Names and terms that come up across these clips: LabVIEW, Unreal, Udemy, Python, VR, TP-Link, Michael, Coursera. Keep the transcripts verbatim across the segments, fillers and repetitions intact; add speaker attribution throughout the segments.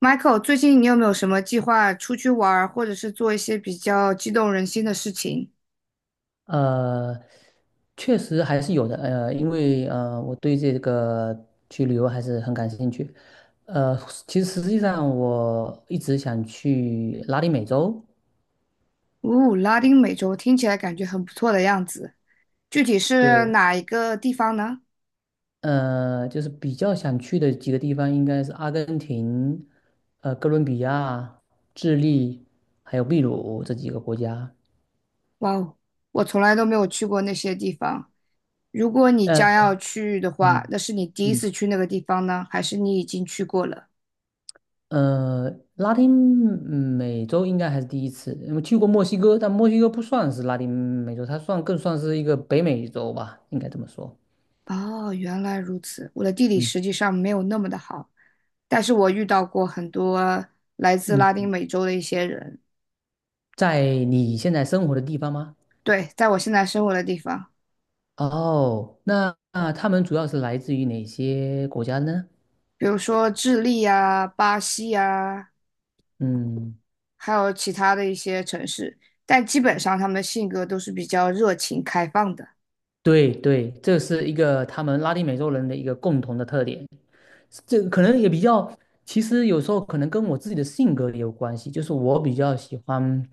Speaker 1: Michael，最近你有没有什么计划出去玩儿，或者是做一些比较激动人心的事情？
Speaker 2: 呃，确实还是有的，呃，因为呃，我对这个去旅游还是很感兴趣。呃，其实实际上我一直想去拉丁美洲。
Speaker 1: 哦，拉丁美洲听起来感觉很不错的样子，具体是
Speaker 2: 对，
Speaker 1: 哪一个地方呢？
Speaker 2: 呃，就是比较想去的几个地方应该是阿根廷、呃，哥伦比亚、智利，还有秘鲁这几个国家。
Speaker 1: 哇哦，我从来都没有去过那些地方。如果你
Speaker 2: 呃，
Speaker 1: 将要去的话，
Speaker 2: 嗯
Speaker 1: 那是你第一
Speaker 2: 嗯。
Speaker 1: 次去那个地方呢，还是你已经去过了？
Speaker 2: 呃，拉丁嗯美洲应该还是第一次，因为去过墨西哥，但墨西哥不算是拉丁美洲，它算更算是一个北美洲吧，应该这么说。
Speaker 1: 哦，原来如此。我的地理
Speaker 2: 嗯
Speaker 1: 实际上没有那么的好，但是我遇到过很多来自
Speaker 2: 嗯，
Speaker 1: 拉丁美洲的一些人，
Speaker 2: 在你现在生活的地方吗？
Speaker 1: 对，在我现在生活的地方。
Speaker 2: 哦，那那他们主要是来自于哪些国家呢？
Speaker 1: 比如说智利啊、巴西啊，
Speaker 2: 嗯，
Speaker 1: 还有其他的一些城市，但基本上他们的性格都是比较热情开放的。
Speaker 2: 对对，这是一个他们拉丁美洲人的一个共同的特点，这个可能也比较，其实有时候可能跟我自己的性格也有关系，就是我比较喜欢。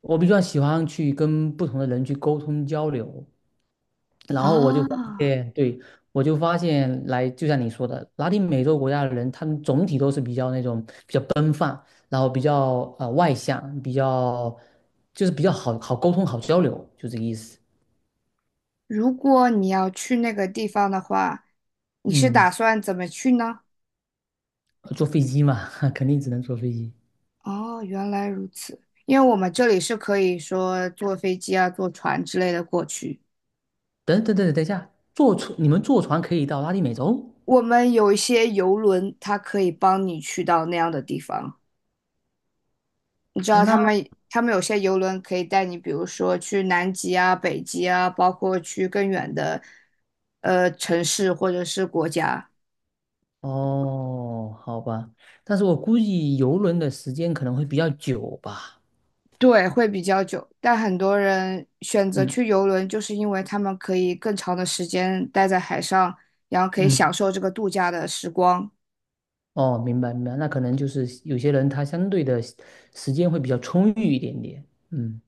Speaker 2: 我比较喜欢去跟不同的人去沟通交流，然后我就
Speaker 1: 啊，
Speaker 2: 发现，对，我就发现来，就像你说的，拉丁美洲国家的人，他们总体都是比较那种比较奔放，然后比较呃外向，比较就是比较好好沟通、好交流，就这个意思。
Speaker 1: 如果你要去那个地方的话，你是
Speaker 2: 嗯，
Speaker 1: 打算怎么去呢？
Speaker 2: 坐飞机嘛，肯定只能坐飞机。
Speaker 1: 哦，原来如此。因为我们这里是可以说坐飞机啊、坐船之类的过去，
Speaker 2: 等等等等等一下，坐船你们坐船可以到拉丁美洲？
Speaker 1: 我们有一些游轮，它可以帮你去到那样的地方。你知
Speaker 2: 啊，
Speaker 1: 道他
Speaker 2: 那
Speaker 1: 们他们有些游轮可以带你，比如说去南极啊、北极啊，包括去更远的呃城市或者是国家。
Speaker 2: 哦，好吧，但是我估计游轮的时间可能会比较久吧。
Speaker 1: 对，会比较久，但很多人选择
Speaker 2: 嗯
Speaker 1: 去游轮，就是因为他们可以更长的时间待在海上，然后可以
Speaker 2: 嗯，
Speaker 1: 享受这个度假的时光。
Speaker 2: 哦，明白明白，那可能就是有些人他相对的时间会比较充裕一点点。嗯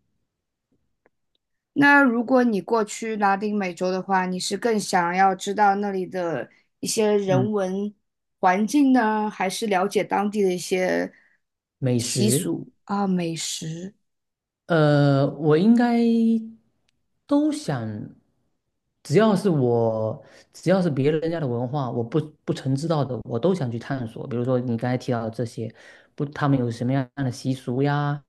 Speaker 1: 那如果你过去拉丁美洲的话，你是更想要知道那里的一些人
Speaker 2: 嗯，
Speaker 1: 文环境呢，还是了解当地的一些
Speaker 2: 美
Speaker 1: 习
Speaker 2: 食，
Speaker 1: 俗啊、美食？
Speaker 2: 呃，我应该都想，只要是我，只要是别人家的文化，我不不曾知道的，我都想去探索。比如说你刚才提到的这些，不，他们有什么样的习俗呀？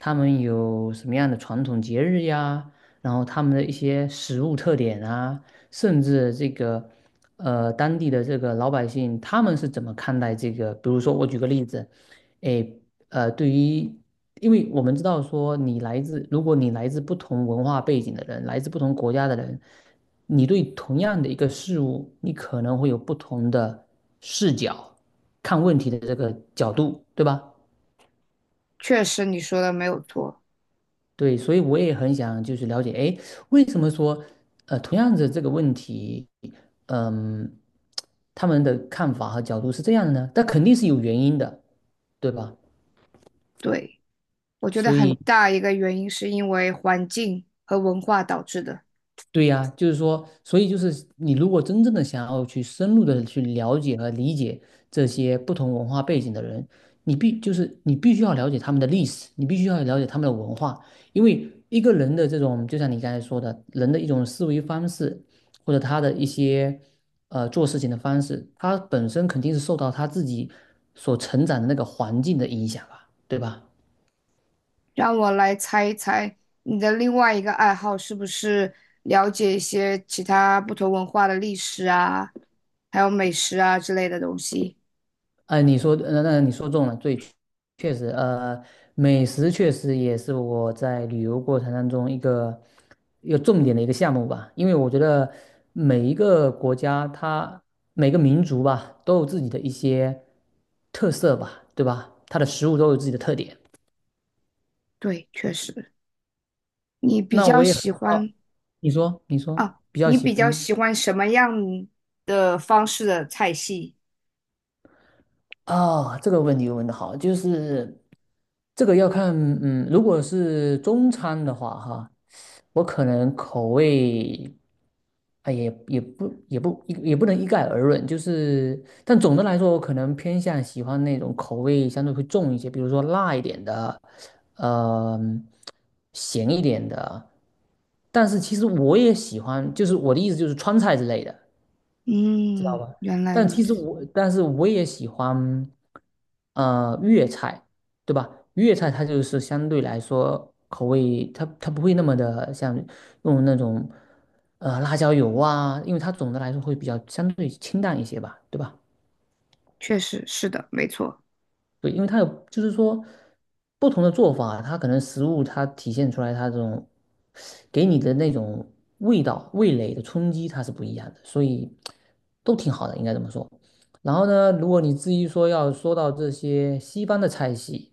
Speaker 2: 他们有什么样的传统节日呀？然后他们的一些食物特点啊，甚至这个呃当地的这个老百姓他们是怎么看待这个？比如说我举个例子。哎诶呃，对于，因为我们知道说，你来自，如果你来自不同文化背景的人，来自不同国家的人，你对同样的一个事物，你可能会有不同的视角，看问题的这个角度，对吧？
Speaker 1: 确实，你说的没有错。
Speaker 2: 对，所以我也很想就是了解，哎，为什么说，呃，同样的这个问题，嗯，他们的看法和角度是这样的呢？但肯定是有原因的，对吧？
Speaker 1: 对，我觉得
Speaker 2: 所
Speaker 1: 很
Speaker 2: 以。
Speaker 1: 大一个原因是因为环境和文化导致的。
Speaker 2: 对呀，就是说，所以就是你如果真正的想要去深入的去了解和理解这些不同文化背景的人，你必就是你必须要了解他们的历史，你必须要了解他们的文化，因为一个人的这种，就像你刚才说的，人的一种思维方式，或者他的一些呃做事情的方式，他本身肯定是受到他自己所成长的那个环境的影响吧，对吧？
Speaker 1: 让我来猜一猜，你的另外一个爱好是不是了解一些其他不同文化的历史啊，还有美食啊之类的东西？
Speaker 2: 呃，你说，那那你说中了，对，确实，呃，美食确实也是我在旅游过程当中一个有重点的一个项目吧，因为我觉得每一个国家它每个民族吧都有自己的一些特色吧，对吧？它的食物都有自己的特点。
Speaker 1: 对，确实，你比
Speaker 2: 那我
Speaker 1: 较
Speaker 2: 也很
Speaker 1: 喜
Speaker 2: 好，
Speaker 1: 欢
Speaker 2: 你说，你说，
Speaker 1: 啊，
Speaker 2: 比较
Speaker 1: 你
Speaker 2: 喜
Speaker 1: 比较
Speaker 2: 欢。
Speaker 1: 喜欢什么样的方式的菜系？
Speaker 2: 啊，这个问题问的好，就是这个要看，嗯，如果是中餐的话，哈，我可能口味啊也也不也不也也不能一概而论，就是但总的来说，我可能偏向喜欢那种口味相对会重一些，比如说辣一点的，呃，咸一点的，但是其实我也喜欢，就是我的意思就是川菜之类的。知道
Speaker 1: 嗯，
Speaker 2: 吧？
Speaker 1: 原来
Speaker 2: 但
Speaker 1: 如
Speaker 2: 其实
Speaker 1: 此，
Speaker 2: 我，但是我也喜欢，呃，粤菜，对吧？粤菜它就是相对来说口味，它它不会那么的像用那种，呃，辣椒油啊，因为它总的来说会比较相对清淡一些吧，对吧？
Speaker 1: 确实是的，没错，
Speaker 2: 对，因为它有，就是说不同的做法，它可能食物它体现出来它这种给你的那种味道、味蕾的冲击，它是不一样的，所以都挺好的，应该这么说。然后呢，如果你至于说要说到这些西方的菜系，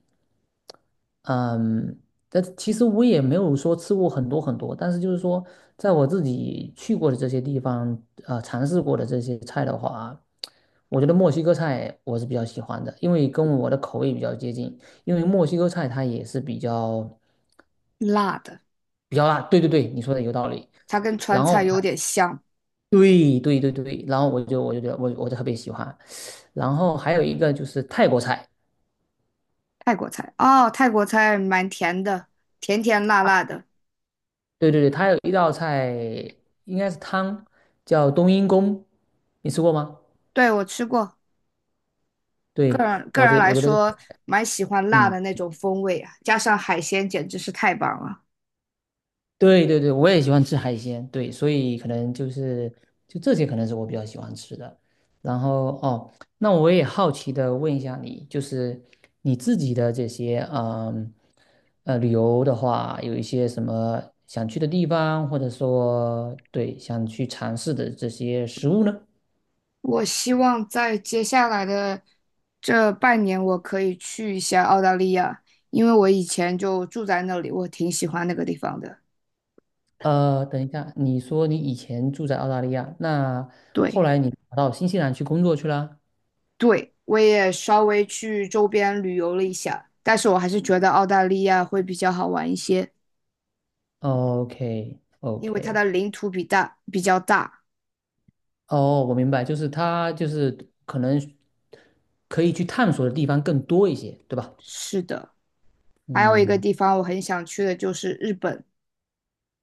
Speaker 2: 嗯，但其实我也没有说吃过很多很多，但是就是说，在我自己去过的这些地方，呃，尝试过的这些菜的话，我觉得墨西哥菜我是比较喜欢的，因为跟我的口味比较接近。因为墨西哥菜它也是比较
Speaker 1: 辣的，
Speaker 2: 比较辣，对对对，你说的有道理。
Speaker 1: 它跟川
Speaker 2: 然后
Speaker 1: 菜有
Speaker 2: 还
Speaker 1: 点像，
Speaker 2: 对对对对，然后我就我就觉得我我就特别喜欢。然后还有一个就是泰国菜。
Speaker 1: 泰国菜哦，泰国菜蛮甜的，甜甜辣辣的，
Speaker 2: 对对对，它有一道菜应该是汤，叫冬阴功，你吃过吗？
Speaker 1: 对，我吃过，个
Speaker 2: 对，
Speaker 1: 人个
Speaker 2: 我
Speaker 1: 人
Speaker 2: 这
Speaker 1: 来
Speaker 2: 我觉得这个
Speaker 1: 说蛮喜欢辣
Speaker 2: 嗯，
Speaker 1: 的那种风味啊，加上海鲜简直是太棒了。
Speaker 2: 对对对，我也喜欢吃海鲜，对，所以可能就是就这些可能是我比较喜欢吃的。然后哦，那我也好奇的问一下你，就是你自己的这些嗯呃旅游的话，有一些什么想去的地方，或者说对想去尝试的这些食物呢？
Speaker 1: 我希望在接下来的这半年，我可以去一下澳大利亚，因为我以前就住在那里，我挺喜欢那个地方的。
Speaker 2: 呃，等一下，你说你以前住在澳大利亚，那后
Speaker 1: 对，
Speaker 2: 来你跑到新西兰去工作去啦
Speaker 1: 对，我也稍微去周边旅游了一下，但是我还是觉得澳大利亚会比较好玩一些，
Speaker 2: o k o
Speaker 1: 因
Speaker 2: k
Speaker 1: 为它的领土比大，比较大。
Speaker 2: 哦，我明白，就是他就是可能可以去探索的地方更多一些，对吧？
Speaker 1: 是的，还有一个
Speaker 2: 嗯，
Speaker 1: 地方我很想去的就是日本。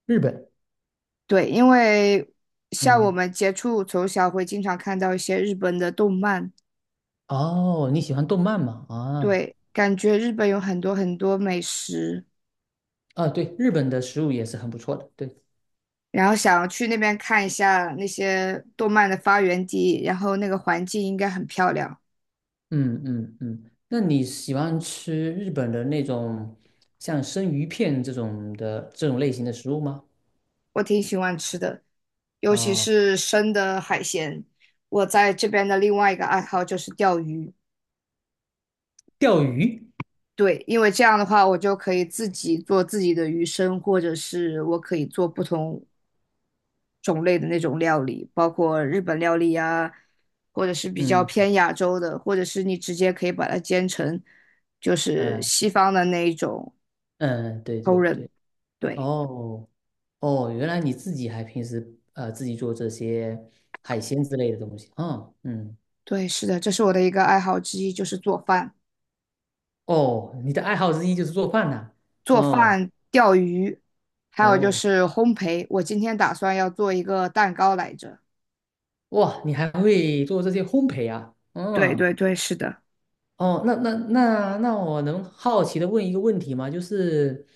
Speaker 2: 日本，
Speaker 1: 对，因为像我
Speaker 2: 嗯，
Speaker 1: 们接触从小会经常看到一些日本的动漫。
Speaker 2: 哦，你喜欢动漫吗？啊，
Speaker 1: 对，感觉日本有很多很多美食，
Speaker 2: 啊，对，日本的食物也是很不错的，对，
Speaker 1: 然后想去那边看一下那些动漫的发源地，然后那个环境应该很漂亮，
Speaker 2: 嗯嗯嗯，那你喜欢吃日本的那种像生鱼片这种的这种类型的食物吗？
Speaker 1: 我挺喜欢吃的，尤其
Speaker 2: 哦
Speaker 1: 是生的海鲜。我在这边的另外一个爱好就是钓鱼，
Speaker 2: 钓鱼。
Speaker 1: 对，因为这样的话我就可以自己做自己的鱼生，或者是我可以做不同种类的那种料理，包括日本料理呀，或者是比较
Speaker 2: 嗯
Speaker 1: 偏亚洲的，或者是你直接可以把它煎成就是
Speaker 2: 嗯
Speaker 1: 西方的那一种
Speaker 2: 嗯，对
Speaker 1: t o
Speaker 2: 对
Speaker 1: r e n
Speaker 2: 对，
Speaker 1: 对
Speaker 2: 哦哦，原来你自己还平时呃自己做这些海鲜之类的东西，嗯嗯。
Speaker 1: 对，是的，这是我的一个爱好之一，就是做饭、
Speaker 2: 哦，你的爱好之一就是做饭呐、
Speaker 1: 做
Speaker 2: 哦
Speaker 1: 饭、钓鱼，还有就
Speaker 2: 哦，
Speaker 1: 是烘焙。我今天打算要做一个蛋糕来着。
Speaker 2: 哇，你还会做这些烘焙啊，
Speaker 1: 对
Speaker 2: 嗯。
Speaker 1: 对对，是的，
Speaker 2: 哦，那那那那我能好奇的问一个问题吗？就是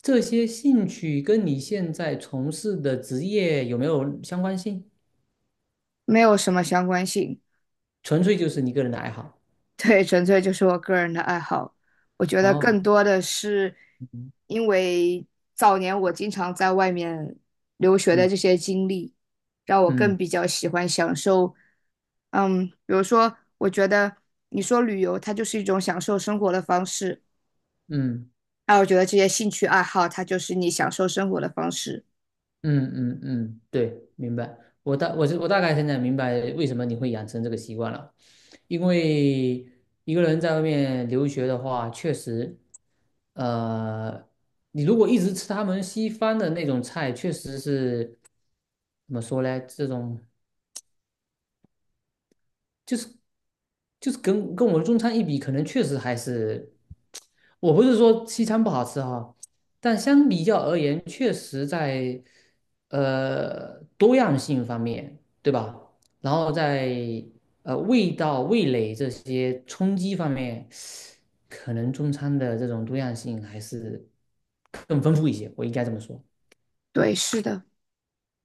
Speaker 2: 这些兴趣跟你现在从事的职业有没有相关性？
Speaker 1: 没有什么相关性。
Speaker 2: 纯粹就是你个人的爱好。
Speaker 1: 对，纯粹就是我个人的爱好。我觉得
Speaker 2: 哦，
Speaker 1: 更多的是
Speaker 2: 嗯
Speaker 1: 因为早年我经常在外面留学的
Speaker 2: 嗯
Speaker 1: 这些经历，让我
Speaker 2: 嗯
Speaker 1: 更比较喜欢享受。嗯，比如说，我觉得你说旅游，它就是一种享受生活的方式。
Speaker 2: 嗯
Speaker 1: 那我觉得这些兴趣爱好，它就是你享受生活的方式。
Speaker 2: 嗯嗯嗯，对，明白。我大我我大概现在明白为什么你会养成这个习惯了，因为一个人在外面留学的话，确实，呃，你如果一直吃他们西方的那种菜，确实是怎么说呢？这种就是就是跟跟我们中餐一比，可能确实还是，我不是说西餐不好吃哈，但相比较而言，确实在呃多样性方面，对吧？然后在呃味道、味蕾这些冲击方面，可能中餐的这种多样性还是更丰富一些，我应该这么说。
Speaker 1: 对，是的，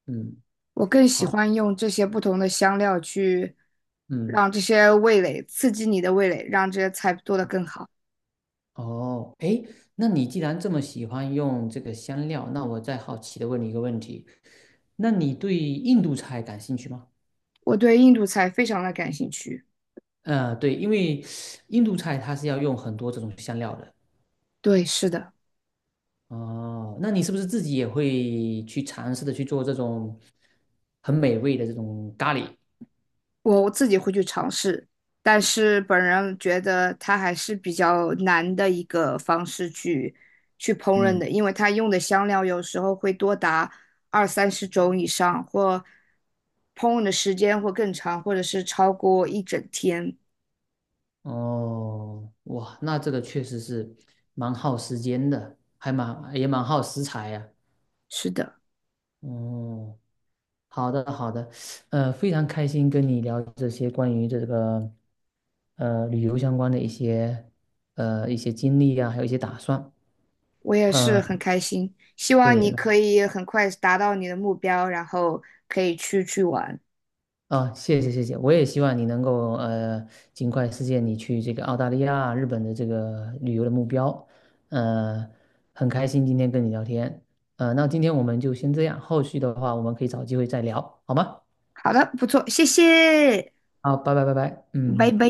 Speaker 2: 嗯，
Speaker 1: 我更喜
Speaker 2: 好，
Speaker 1: 欢用这些不同的香料去
Speaker 2: 嗯。
Speaker 1: 让这些味蕾刺激你的味蕾，让这些菜做得更好。
Speaker 2: 哦，诶，那你既然这么喜欢用这个香料，那我再好奇的问你一个问题，那你对印度菜感兴趣吗？
Speaker 1: 我对印度菜非常的感兴趣。
Speaker 2: 呃，对，因为印度菜它是要用很多这种香料的。
Speaker 1: 对，是的，
Speaker 2: 哦，那你是不是自己也会去尝试的去做这种很美味的这种咖喱？
Speaker 1: 我自己会去尝试，但是本人觉得它还是比较难的一个方式去去烹饪
Speaker 2: 嗯，
Speaker 1: 的，因为它用的香料有时候会多达二三十种以上，或烹饪的时间会更长，或者是超过一整天。
Speaker 2: 哦，哇，那这个确实是蛮耗时间的，还蛮也蛮耗食材呀、
Speaker 1: 是的，
Speaker 2: 哦，好的，好的，呃，非常开心跟你聊这些关于这个呃旅游相关的一些呃一些经历啊，还有一些打算。
Speaker 1: 我也是
Speaker 2: 呃，
Speaker 1: 很开心，希望
Speaker 2: 对
Speaker 1: 你
Speaker 2: 了，
Speaker 1: 可以很快达到你的目标，然后可以去去玩。
Speaker 2: 啊，谢谢谢谢，我也希望你能够呃尽快实现你去这个澳大利亚、日本的这个旅游的目标。呃，很开心今天跟你聊天。呃，那今天我们就先这样，后续的话我们可以找机会再聊，好吗？
Speaker 1: 好的，不错，谢谢。
Speaker 2: 好，拜拜拜拜，
Speaker 1: 拜
Speaker 2: 嗯。
Speaker 1: 拜。